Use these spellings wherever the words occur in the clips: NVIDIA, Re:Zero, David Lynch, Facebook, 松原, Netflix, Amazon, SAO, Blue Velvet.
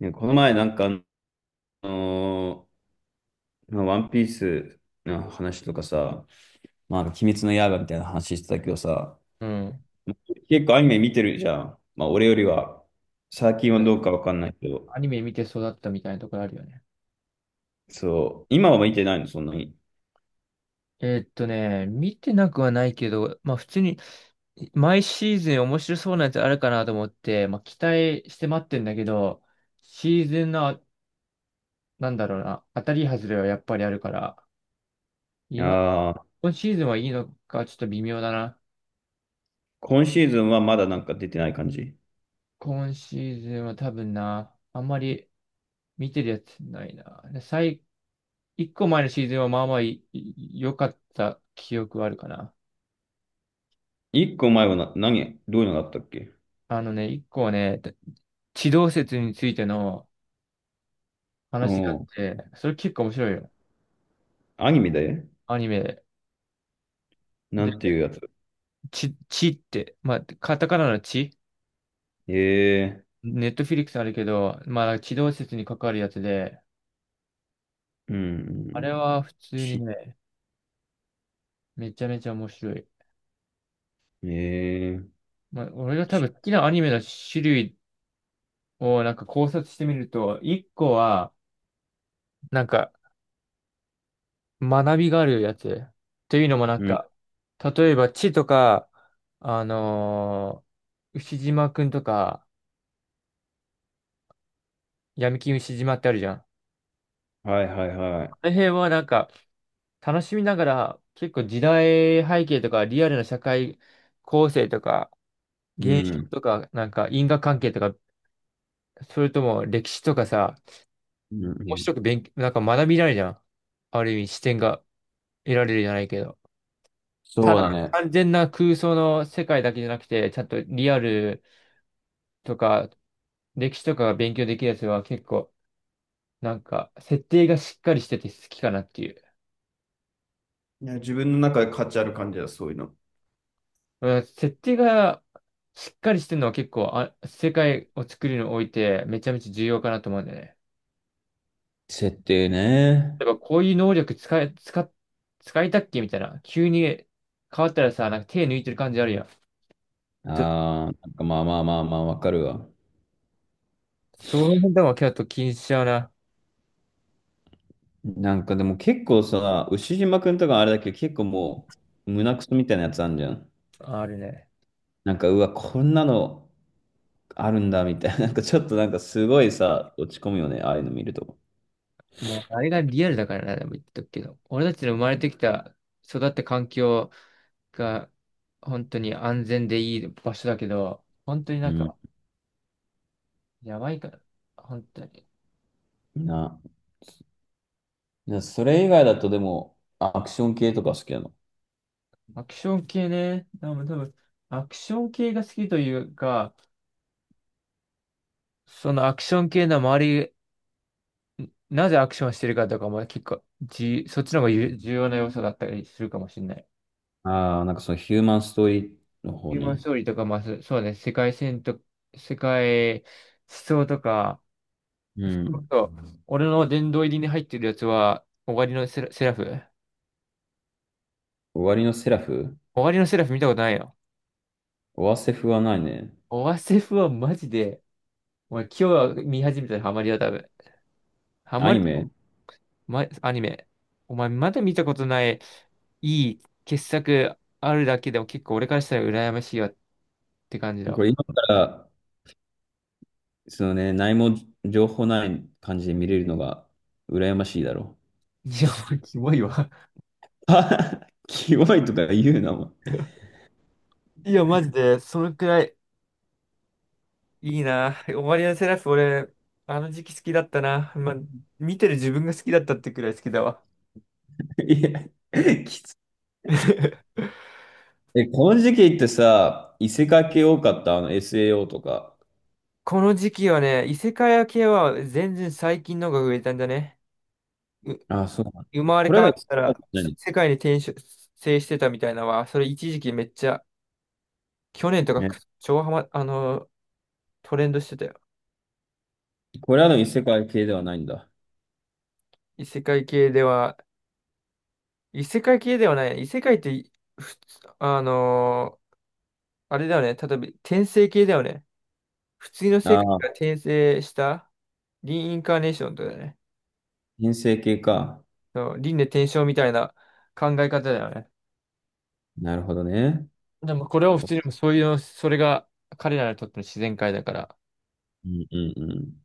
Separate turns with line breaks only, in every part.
ね、この前なんか、のまあワンピースの話とかさ、まあ、鬼滅の刃みたいな話してたけどさ、
うん。
結構アニメ見てるじゃん。まあ、俺よりは、最近はどうかわかんないけど、
アニメ見て育ったみたいなところあるよね。
そう、今は見てないの、そんなに。
見てなくはないけど、まあ普通に毎シーズン面白そうなやつあるかなと思って、まあ期待して待ってんだけど、シーズンの、なんだろうな、当たり外れはやっぱりあるから、今、
ああ、
今シーズンはいいのかちょっと微妙だな。
今シーズンはまだなんか出てない感じ。
今シーズンは多分な、あんまり見てるやつないな。一個前のシーズンはまあまあいい良かった記憶はあるかな。
一個前はな、何、どういうのがあったっけ。
あのね、一個はね、地動説についての
お
話があっ
う。
て、それ結構面白いよ。
アニメで。
アニメで。
なん
で、
ていうやつ。
ちって、まあ、カタカナのち、
ええ
ネットフィリックスあるけど、まあ、地動説に関わるやつで、
ー、う
あ
ん、
れは普通に
ち、
ね、めちゃめちゃ面白い。
ええー、
まあ、俺が多
ち、
分好きなアニメの種類をなんか考察してみると、一個は、なんか学びがあるやつ。というのもなん
うん、
か、例えば地とか、あのー牛島くんとか、闇金牛島ってあるじゃん。あ
はいはいはい。
の辺はなんか、楽しみながら、結構時代背景とか、リアルな社会構成とか、
う
現象
ん。
とか、なんか因果関係とか、それとも歴史とかさ、
うんう
面白
ん。
く勉強、なんか学びられるじゃん。ある意味視点が得られるじゃないけど。た
そう
だ
だね。
完全な空想の世界だけじゃなくて、ちゃんとリアルとか歴史とかが勉強できるやつは結構なんか設定がしっかりしてて好きかなっていう。
いや、自分の中で価値ある感じだ、そういうの。
うん、設定がしっかりしてるのは結構あ、世界を作るにおいてめちゃめちゃ重要かなと思うんだよね。
設定ね。
例えばこういう能力使いたっけみたいな。急に変わったらさ、なんか手抜いてる感じあるやん。ちょ、
ああ、なんかまあまあまあまあ、わかるわ。
その辺でも結構気にしちゃうな。
なんかでも結構さ、牛島くんとかあれだけど、結構胸クソみたいなやつあんじゃん。
あるね。
なんか、うわ、こんなのあるんだ、みたいな。なんかちょっとなんかすごいさ、落ち込むよね、ああいうの見ると。
もうあれがリアルだからな、でも言っとくけど。俺たちの生まれてきた、育った環境が本当に安全でいい場所だけど、本当にな
う
ん
ん。
かやばいから、本当に。
な。な、それ以外だとでも、アクション系とか好きなの。
アクション系ね、多分、アクション系が好きというか、そのアクション系の周り、なぜアクションしてるかとかも結構じ、そっちの方がゆ重要な要素だったりするかもしれない。
ああ、なんかそのヒューマンストーリーの方
ヒューマンス
ね。
トーリーとか、まあ、そうね、世界線と、世界思想とか、
うん。
そう。俺の殿堂入りに入ってるやつは、終わりのセラ、セラフ。
終わりのセラフ、
終わりのセラフ見たことないよ。
オアセフはないね。
オワセフはマジで、お前今日は見始めたらハマりだ、多分。ハ
ア
マる
ニ
と
メ。
こ、ま、アニメ。お前まだ見たことない、いい傑作あるだけでも結構俺からしたら羨ましいわって感じだ
これ
わ。
今から、そのね、何も情報ない感じで見れるのが羨ましいだろ
いや、もうキモいわ。
う。キモいとか言うな、も
いや、マジで、そのくらいいいな。終わりのセラフ俺、あの時期好きだったな。まあ、見てる自分が好きだったってくらい好きだわ。
う。いや、きつい。 え、この時期ってさ、異世界系多かった、あの SAO とか。
この時期はね、異世界系は全然最近のが増えたんだね。う、
あ、そうなんだ。
生まれ
これ
変
ら
わ
異
っ
世
た
界
ら
じゃない
世界に転生してたみたいなのは、それ一時期めっちゃ、去年とか
ね。
く超ハマ、あの、トレンドしてたよ。
これらの異世界系ではないんだ。
異世界系では、異世界系ではない。異世界って普通、あのあれだよね。例えば転生系だよね。普通の世
あ
界から
あ、
転生したリインカーネーションとかだよね。
編成系か。
そう、輪廻転生みたいな考え方だよね。
なるほどね。
でもこれを普通にそういう、それが彼らにとっての自然界だから、
うんうんうん。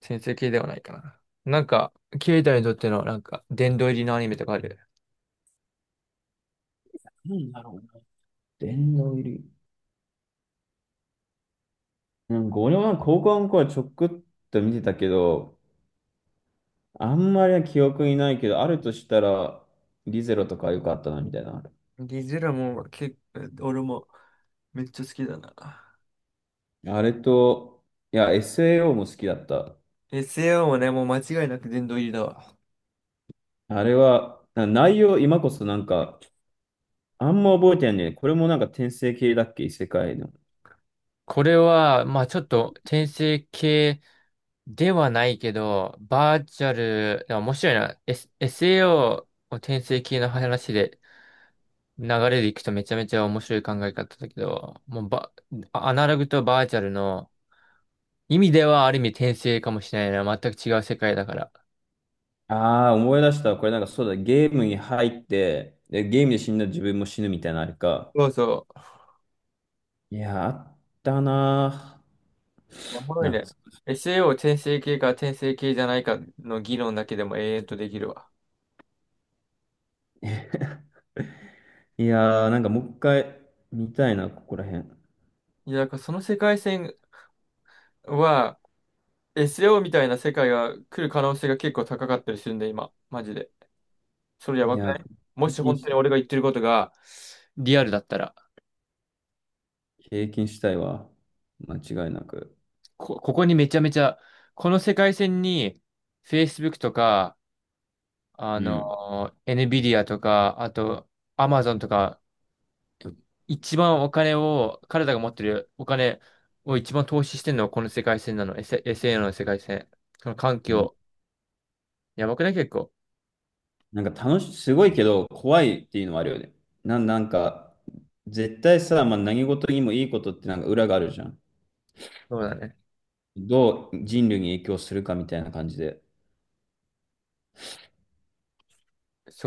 先生系ではないかな。なんか、ケイタにとってのなんか、殿堂入りのアニメとかある。
なんだろうな。電脳入り。なんか俺は高校の頃はちょくっと見てたけど、あんまり記憶にないけど、あるとしたら、リゼロとか良かったな、みたいな。
ディズラも結構、俺もめっちゃ好きだな。
あれと、いや、SAO も好きだった。
SAO もね、もう間違いなく殿堂入りだわ。
あれは、な内容、今こそなんか、あんま覚えてないんだよね。これもなんか転生系だっけ異世界の。
これは、まあちょっと転生系ではないけど、バーチャル、でも面白いな。SAO を転生系の話で流れでいくとめちゃめちゃ面白い考え方だけど、もうば、アナログとバーチャルの意味ではある意味転生かもしれないな。全く違う世界だから。
ああ、思い出した。これなんかそうだ、ゲームに入って、で、ゲームで死んだら自分も死ぬみたいなのあれか。
そうそう。
いや、あったなぁ。
いやおもろい
夏。
ね。SAO 転生系か転生系じゃないかの議論だけでも永遠とできるわ。
いやー、なんかもう一回見たいな、ここら辺。
いや、だからその世界線は SAO みたいな世界が来る可能性が結構高かったりするんだ、今。マジで。それや
い
ばく
や
な
ー、
い？も
経
し
験
本当
し
に
たい。
俺が言ってることがリアルだったら。
経験したいわ。間違いなく。
ここにめちゃめちゃ、この世界線に Facebook とか、あ
うん。
の、NVIDIA とか、あと Amazon とか、一番お金を、彼らが持ってるお金を一番投資してるのはこの世界線なの。SAO の世界線。その環
うん。
境。やばくない結構？
なんか楽し、すごいけど、怖いっていうのはあるよね。なん、なんか、絶対さ、まあ、何事にもいいことってなんか裏があるじゃん。
そうだね。
どう人類に影響するかみたいな感じで。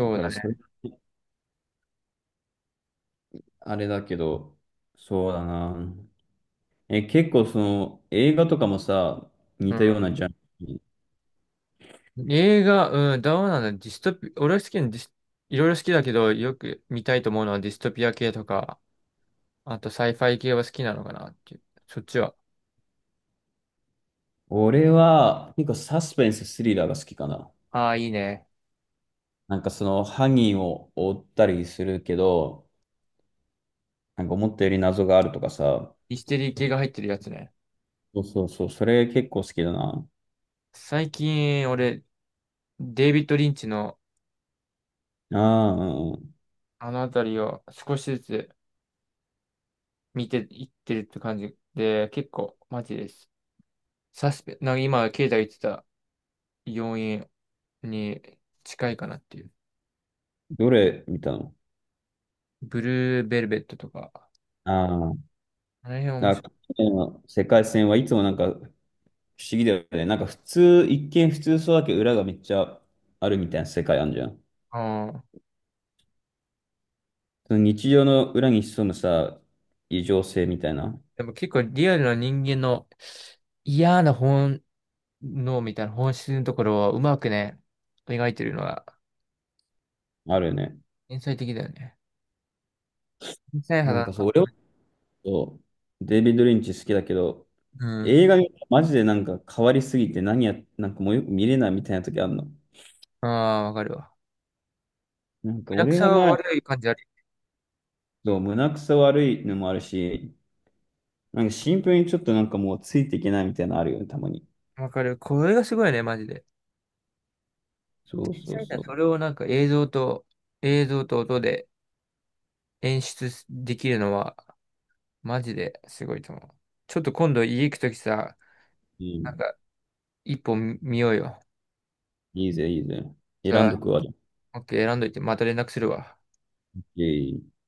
だ
う
か
だ
らそれ、
ね。
あれだけど、そうだな。え、結構その映画とかもさ、似た
う
ようなジャンル。
ん。映画、うん、どうなんだ。ディストピ、俺は好きなディス、いろいろ好きだけど、よく見たいと思うのはディストピア系とか、あとサイファイ系は好きなのかなっていう。そっちは。
俺は結構サスペンス、スリラーが好きかな。
ああ、いいね。
なんかその犯人を追ったりするけど、なんか思ったより謎があるとかさ。
ミステリー系が入ってるやつね。
そうそうそう、それ結構好きだな。
最近、俺、デイビッド・リンチの
ああ、うんうん。
あのあたりを少しずつ見ていってるって感じで、結構マジです。サスペ、なんか今、経済言ってた要因に近いかなっていう。
どれ見たの。
ブルーベルベットとか、
ああ、
あの辺面
なん
白
か
い。
去年の世界戦はいつもなんか不思議だよね。なんか普通、一見普通そうだけど裏がめっちゃあるみたいな世界あるじゃん。
ああ。
その日常の裏に潜むさ、異常性みたいな、
でも結構リアルな人間の嫌な本能みたいな本質のところをうまくね、描いてるのは
あるよね。
天才的だよね。天才肌
なん
の
かそ
感
う、俺は
覚。
そう、デイビッド・リンチ好きだけど、
うん。
映画見たらマジでなんか変わりすぎて何や、なんかもうよく見れないみたいな時あるの。
ああ、わかるわ。
なんか
リアク
俺
シ
が
は
前、
悪い感じある。
そう胸くそ悪いのもあるし、なんかシンプルにちょっとなんかもうついていけないみたいなのあるよね、たまに。
わかる。これがすごいね、マジで。
そう
天
そう
才だ。
そ
そ
う。
れをなんか映像と、映像と音で演出できるのは、マジですごいと思う。ちょっと今度家行くときさ、
う
な
ん、
んか一本見ようよ。
いいぜ、いいぜ。選ん
さ
どくわ。
あ、OK、選んどいて、また連絡するわ。
イェイ